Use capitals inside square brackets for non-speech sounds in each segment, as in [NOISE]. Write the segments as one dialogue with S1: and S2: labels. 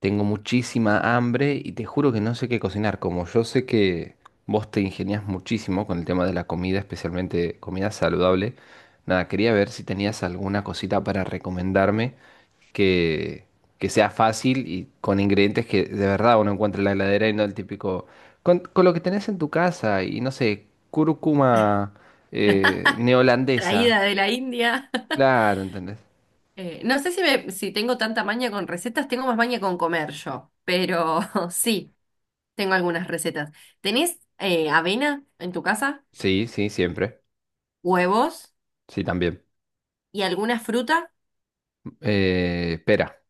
S1: Tengo muchísima hambre y te juro que no sé qué cocinar. Como yo sé que vos te ingeniás muchísimo con el tema de la comida, especialmente comida saludable, nada, quería ver si tenías alguna cosita para recomendarme que, que sea fácil y con ingredientes que de verdad uno encuentre en la heladera y no el típico. Con lo que tenés en tu casa y no sé, cúrcuma neolandesa.
S2: Traída de la India. [LAUGHS]
S1: Claro, ¿entendés?
S2: No sé si tengo tanta maña con recetas, tengo más maña con comer yo, pero [LAUGHS] sí, tengo algunas recetas. ¿Tenés avena en tu casa?
S1: Sí, sí, siempre.
S2: ¿Huevos?
S1: Sí, también.
S2: ¿Y alguna fruta?
S1: Pera.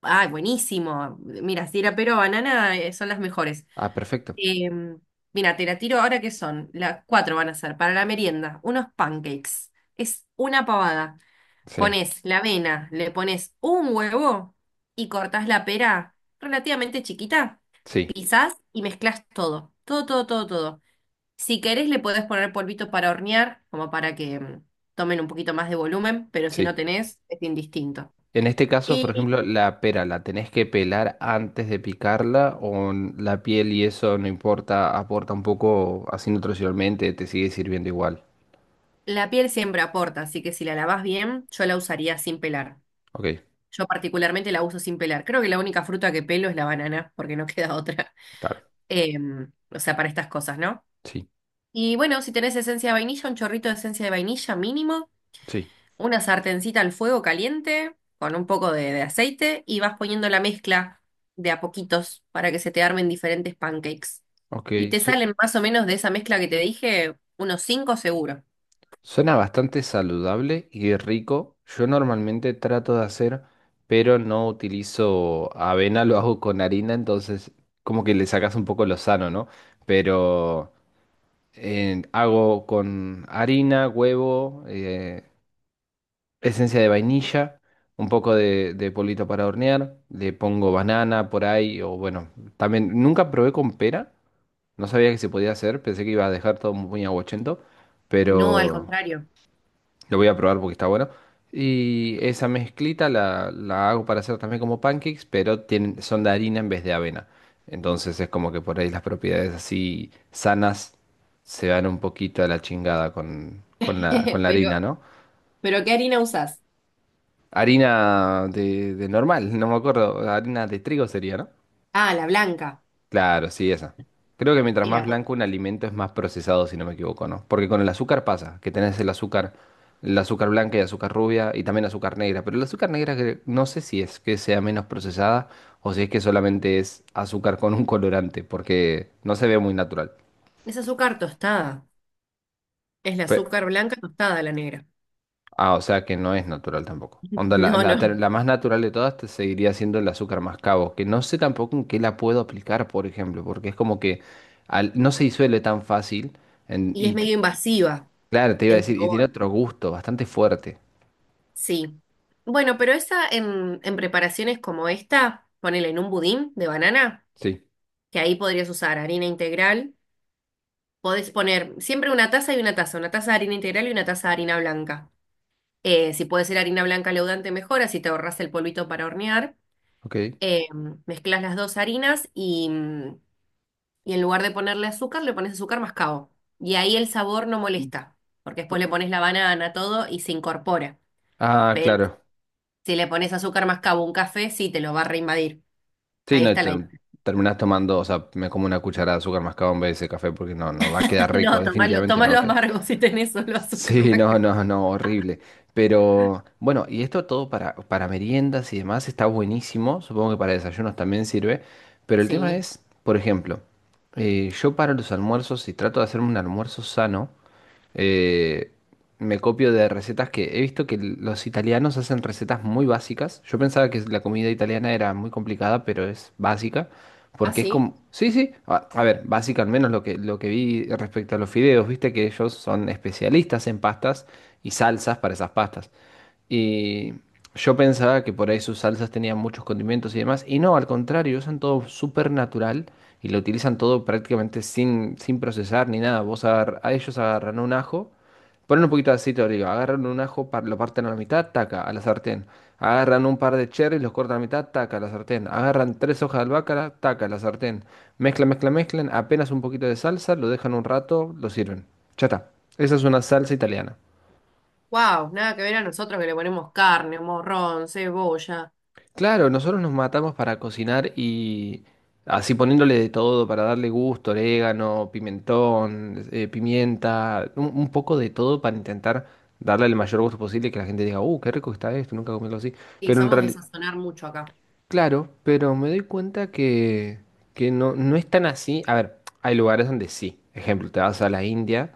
S2: ¡Ay, buenísimo! Mira, si era pero banana son las mejores.
S1: Ah, perfecto.
S2: Em, Mira, te la tiro ahora que son. Las cuatro van a ser para la merienda. Unos pancakes. Es una pavada.
S1: Sí,
S2: Pones la avena, le pones un huevo y cortás la pera relativamente chiquita.
S1: sí,
S2: Pisás y mezclas todo, todo, todo, todo, todo. Si querés le podés poner polvito para hornear, como para que tomen un poquito más de volumen, pero si no
S1: sí.
S2: tenés, es indistinto.
S1: En este caso, por ejemplo,
S2: Y
S1: la pera, ¿la tenés que pelar antes de picarla o la piel y eso no importa, aporta un poco así nutricionalmente, te sigue sirviendo igual?
S2: la piel siempre aporta, así que si la lavás bien, yo la usaría sin pelar.
S1: Ok,
S2: Yo particularmente la uso sin pelar. Creo que la única fruta que pelo es la banana, porque no queda otra.
S1: claro,
S2: [LAUGHS] O sea, para estas cosas, ¿no?
S1: sí,
S2: Y bueno, si tenés esencia de vainilla, un chorrito de esencia de vainilla mínimo,
S1: sí.
S2: una sartencita al fuego caliente con un poco de aceite y vas poniendo la mezcla de a poquitos para que se te armen diferentes pancakes.
S1: Ok,
S2: Y te
S1: su-
S2: salen más o menos de esa mezcla que te dije, unos cinco seguro.
S1: Suena bastante saludable y rico. Yo normalmente trato de hacer, pero no utilizo avena, [LAUGHS] lo hago con harina, entonces como que le sacas un poco lo sano, ¿no? Pero… hago con harina, huevo, esencia de vainilla, un poco de polvito para hornear, le pongo banana por ahí, o bueno, también nunca probé con pera, no sabía que se podía hacer, pensé que iba a dejar todo muy aguachento,
S2: No, al
S1: pero
S2: contrario.
S1: lo voy a probar porque está bueno. Y esa mezclita la hago para hacer también como pancakes, pero tienen, son de harina en vez de avena. Entonces es como que por ahí las propiedades así sanas se van un poquito a la chingada con
S2: [LAUGHS]
S1: la harina,
S2: Pero,
S1: ¿no?
S2: pero ¿qué harina usás?
S1: Harina de normal, no me acuerdo, harina de trigo sería, ¿no?
S2: Ah, la blanca.
S1: Claro, sí, esa. Creo que mientras
S2: El
S1: más
S2: apo-
S1: blanco un alimento es más procesado, si no me equivoco, ¿no? Porque con el azúcar pasa, que tenés el azúcar blanca y azúcar rubia y también azúcar negra, pero el azúcar negra no sé si es que sea menos procesada o si es que solamente es azúcar con un colorante, porque no se ve muy natural.
S2: Es azúcar tostada. Es la
S1: Pe-
S2: azúcar blanca tostada, la negra.
S1: ah, o sea que no es natural tampoco.
S2: [LAUGHS]
S1: Onda,
S2: No, no.
S1: la más natural de todas te seguiría siendo el azúcar mascabo, que no sé tampoco en qué la puedo aplicar, por ejemplo, porque es como que no se disuelve tan fácil
S2: Y es
S1: y
S2: medio invasiva
S1: claro, te iba a
S2: en
S1: decir, y tiene
S2: sabor.
S1: otro gusto bastante fuerte.
S2: Sí. Bueno, pero esa en preparaciones como esta, ponele en un budín de banana,
S1: Sí,
S2: que ahí podrías usar harina integral. Podés poner siempre una taza y una taza de harina integral y una taza de harina blanca. Si puede ser harina blanca leudante, mejor, así te ahorras el polvito para hornear.
S1: ok.
S2: Eh, Mezclas las dos harinas y y en lugar de ponerle azúcar, le pones azúcar mascabo. Y ahí el sabor no molesta, porque después le pones la banana, todo y se incorpora.
S1: Ah, claro.
S2: Si le pones azúcar mascabo a un café, sí, te lo va a reinvadir.
S1: Sí,
S2: Ahí
S1: no, y
S2: está la idea.
S1: terminás tomando, o sea, me como una cucharada de azúcar mascado en vez de ese café porque no, no va a
S2: [LAUGHS]
S1: quedar rico,
S2: No, tomalo,
S1: definitivamente no va a
S2: tomalo
S1: quedar.
S2: amargo
S1: [LAUGHS]
S2: si tenés solo azúcar
S1: Sí, no,
S2: mascabo.
S1: no, no, horrible. Pero bueno, y esto todo para meriendas y demás está buenísimo, supongo que para desayunos también sirve, pero el tema
S2: Sí.
S1: es, por ejemplo, yo para los almuerzos, si trato de hacerme un almuerzo sano, eh, me copio de recetas que he visto que los italianos hacen recetas muy básicas. Yo pensaba que la comida italiana era muy complicada, pero es básica.
S2: ¿Ah,
S1: Porque es
S2: sí?
S1: como… Sí, sí. A ver, básica al menos lo que vi respecto a los fideos. Viste que ellos son especialistas en pastas y salsas para esas pastas. Y yo pensaba que por ahí sus salsas tenían muchos condimentos y demás. Y no, al contrario, usan todo súper natural y lo utilizan todo prácticamente sin procesar ni nada. A ellos agarran un ajo. Ponen un poquito de aceite de oliva, agarran un ajo, lo parten a la mitad, taca, a la sartén. Agarran un par de cherries, los cortan a la mitad, taca, a la sartén. Agarran tres hojas de albahaca, taca, a la sartén. Mezclan, mezclan, mezclan, apenas un poquito de salsa, lo dejan un rato, lo sirven. Ya está. Esa es una salsa italiana.
S2: Wow, nada que ver a nosotros que le ponemos carne, morrón, cebolla.
S1: Claro, nosotros nos matamos para cocinar y así poniéndole de todo para darle gusto, orégano, pimentón, pimienta, un poco de todo para intentar darle el mayor gusto posible y que la gente diga, qué rico que está esto, nunca comí algo así.
S2: Sí,
S1: Pero en
S2: somos de
S1: realidad,
S2: sazonar mucho acá.
S1: claro, pero me doy cuenta que no, no es tan así. A ver, hay lugares donde sí. Ejemplo, te vas a la India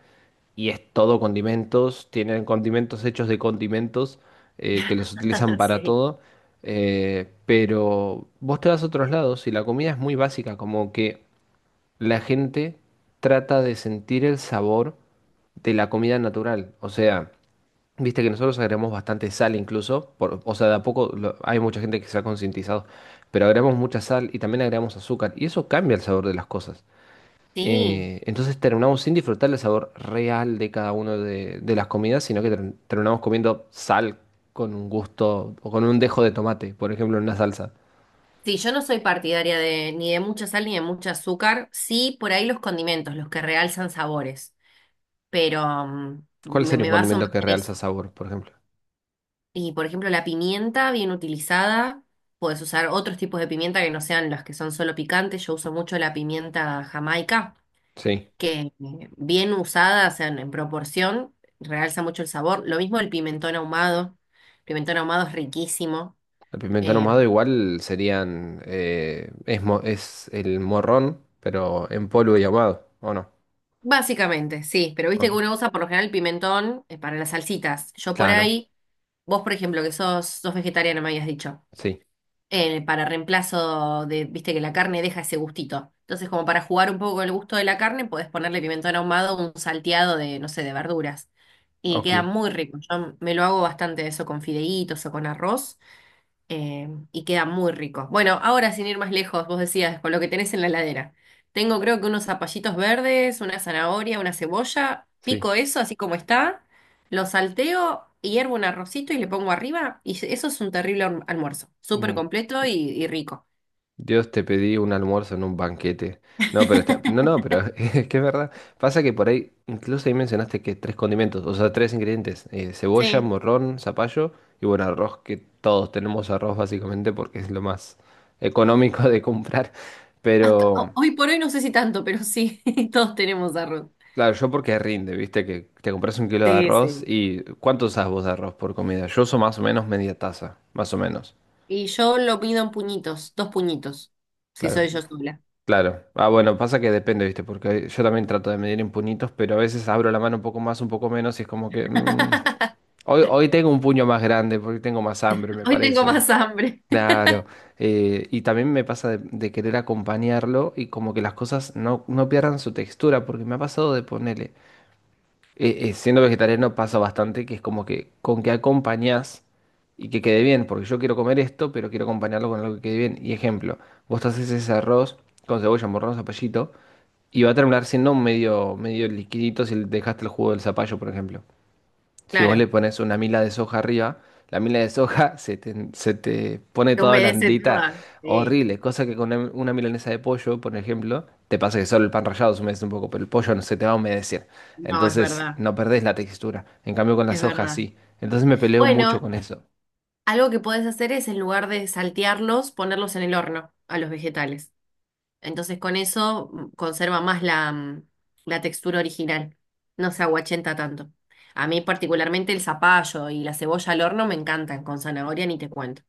S1: y es todo condimentos, tienen condimentos hechos de condimentos que los utilizan
S2: [LAUGHS]
S1: para
S2: Sí.
S1: todo. Pero vos te vas a otros lados y la comida es muy básica, como que la gente trata de sentir el sabor de la comida natural. O sea, viste que nosotros agregamos bastante sal incluso, o sea, de a poco hay mucha gente que se ha concientizado, pero agregamos mucha sal y también agregamos azúcar y eso cambia el sabor de las cosas.
S2: Sí.
S1: Entonces terminamos sin disfrutar el sabor real de cada una de las comidas, sino que terminamos comiendo sal con un gusto o con un dejo de tomate, por ejemplo, en una salsa.
S2: Sí, yo no soy partidaria de ni de mucha sal ni de mucho azúcar. Sí, por ahí los condimentos, los que realzan sabores. Pero
S1: ¿Cuál sería un
S2: me baso
S1: condimento
S2: más
S1: que
S2: en
S1: realza
S2: eso.
S1: sabor, por ejemplo?
S2: Y por ejemplo, la pimienta bien utilizada, puedes usar otros tipos de pimienta que no sean las que son solo picantes. Yo uso mucho la pimienta jamaica,
S1: Sí.
S2: que bien usada, o sea, en proporción, realza mucho el sabor. Lo mismo el pimentón ahumado. El pimentón ahumado es riquísimo.
S1: El pimentón
S2: Eh,
S1: ahumado igual serían, es el morrón, pero en polvo y ahumado, ¿o no?
S2: Básicamente, sí, pero viste que
S1: Ok.
S2: uno usa por lo general el pimentón para las salsitas. Yo por
S1: Claro,
S2: ahí, vos por ejemplo, que sos, sos vegetariana, me habías dicho.
S1: sí,
S2: Para reemplazo de, viste que la carne deja ese gustito. Entonces, como para jugar un poco con el gusto de la carne, podés ponerle pimentón ahumado un salteado de, no sé, de verduras. Y
S1: ok,
S2: queda muy rico. Yo me lo hago bastante eso con fideitos o con arroz y queda muy rico. Bueno, ahora sin ir más lejos, vos decías, con lo que tenés en la heladera. Tengo creo que unos zapallitos verdes, una zanahoria, una cebolla,
S1: sí.
S2: pico eso así como está, lo salteo, y hiervo un arrocito y le pongo arriba y eso es un terrible almuerzo, súper
S1: Mm,
S2: completo y rico.
S1: Dios, te pedí un almuerzo en un banquete. No, pero está, no,
S2: [LAUGHS]
S1: no, pero [LAUGHS] es que es verdad. Pasa que por ahí, incluso ahí mencionaste que tres condimentos, o sea, tres ingredientes, cebolla,
S2: Sí,
S1: morrón, zapallo y bueno, arroz, que todos tenemos arroz básicamente porque es lo más económico de comprar,
S2: hasta
S1: pero…
S2: hoy por hoy no sé si tanto, pero sí, [LAUGHS] todos tenemos arroz.
S1: Claro, yo porque rinde, viste, que te compras un kilo de
S2: Sí,
S1: arroz
S2: sí.
S1: y ¿cuánto usás vos de arroz por comida? Yo uso más o menos media taza, más o menos.
S2: Y yo lo pido en puñitos, dos puñitos, si
S1: Claro,
S2: soy yo sola.
S1: claro. Ah, bueno, pasa que depende, viste, porque yo también trato de medir en puñitos, pero a veces abro la mano un poco más, un poco menos y es como que… mm,
S2: [LAUGHS]
S1: hoy tengo un puño más grande porque tengo más hambre, me
S2: Hoy tengo
S1: parece.
S2: más hambre.
S1: Claro. Y también me pasa de querer acompañarlo y como que las cosas no, no pierdan su textura, porque me ha pasado de ponerle… siendo vegetariano pasa bastante que es como que con que acompañás y que quede bien, porque yo quiero comer esto, pero quiero acompañarlo con algo que quede bien. Y ejemplo, vos te haces ese arroz con cebolla, morrón, zapallito, y va a terminar siendo medio, medio liquidito si le dejaste el jugo del zapallo, por ejemplo. Si vos
S2: Claro,
S1: le pones una mila de soja arriba, la mila de soja [LAUGHS] se te pone
S2: te
S1: toda
S2: humedece
S1: blandita,
S2: toda. Sí,
S1: horrible. Cosa que con una milanesa de pollo, por ejemplo, te pasa que solo el pan rallado se humedece un poco, pero el pollo no se te va a humedecer.
S2: no, es
S1: Entonces
S2: verdad,
S1: no perdés la textura. En cambio con la
S2: es
S1: soja
S2: verdad.
S1: sí. Entonces me peleo mucho
S2: Bueno,
S1: con eso.
S2: algo que podés hacer es en lugar de saltearlos, ponerlos en el horno a los vegetales. Entonces con eso conserva más la textura original, no se aguachenta tanto. A mí particularmente el zapallo y la cebolla al horno me encantan, con zanahoria ni te cuento.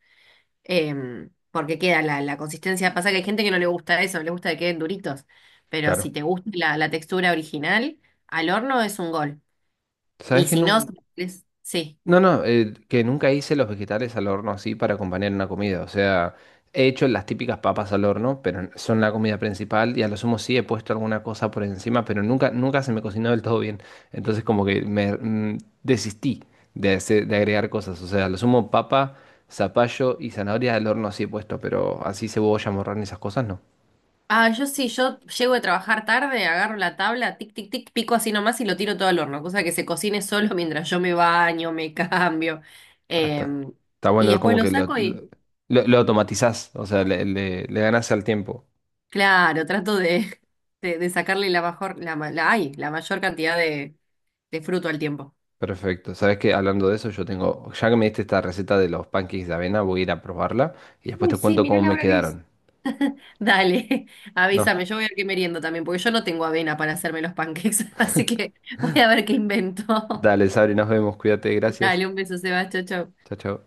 S2: Porque queda la consistencia, pasa que hay gente que no le gusta eso, le gusta que queden duritos, pero si
S1: Claro.
S2: te gusta la textura original, al horno es un gol.
S1: ¿Sabes
S2: Y
S1: que
S2: si no, si
S1: no?
S2: querés- sí.
S1: No, no, que nunca hice los vegetales al horno así para acompañar una comida. O sea, he hecho las típicas papas al horno, pero son la comida principal y a lo sumo sí he puesto alguna cosa por encima, pero nunca, nunca se me cocinó del todo bien. Entonces como que me mm, desistí de, de agregar cosas. O sea, a lo sumo papa, zapallo y zanahoria al horno sí he puesto, pero así cebolla, morrón y esas cosas no.
S2: Ah, yo sí, yo llego de trabajar tarde, agarro la tabla, tic, tic, tic, pico así nomás y lo tiro todo al horno, cosa que se cocine solo [LAUGHS] mientras yo me baño, me cambio.
S1: Hasta.
S2: Em,
S1: Está
S2: y
S1: bueno,
S2: después
S1: como
S2: lo
S1: que
S2: saco y,
S1: lo automatizás, o sea, le ganás al tiempo.
S2: claro, trato de sacarle la mejor, la, ma- la, ay, la mayor cantidad de fruto al tiempo.
S1: Perfecto. Sabes que hablando de eso, yo tengo, ya que me diste esta receta de los pancakes de avena, voy a ir a probarla y después
S2: Uy,
S1: te
S2: sí,
S1: cuento
S2: mirá
S1: cómo
S2: la
S1: me
S2: hora que es.
S1: quedaron.
S2: Dale, [LAUGHS]
S1: No,
S2: avísame, yo voy a ver qué meriendo también, porque yo no tengo avena para hacerme los pancakes, [LAUGHS] así que voy a ver qué invento.
S1: dale, Sabri, nos vemos, cuídate,
S2: [LAUGHS]
S1: gracias.
S2: Dale, un beso, Sebastián, chao. Chao.
S1: Chao, chao.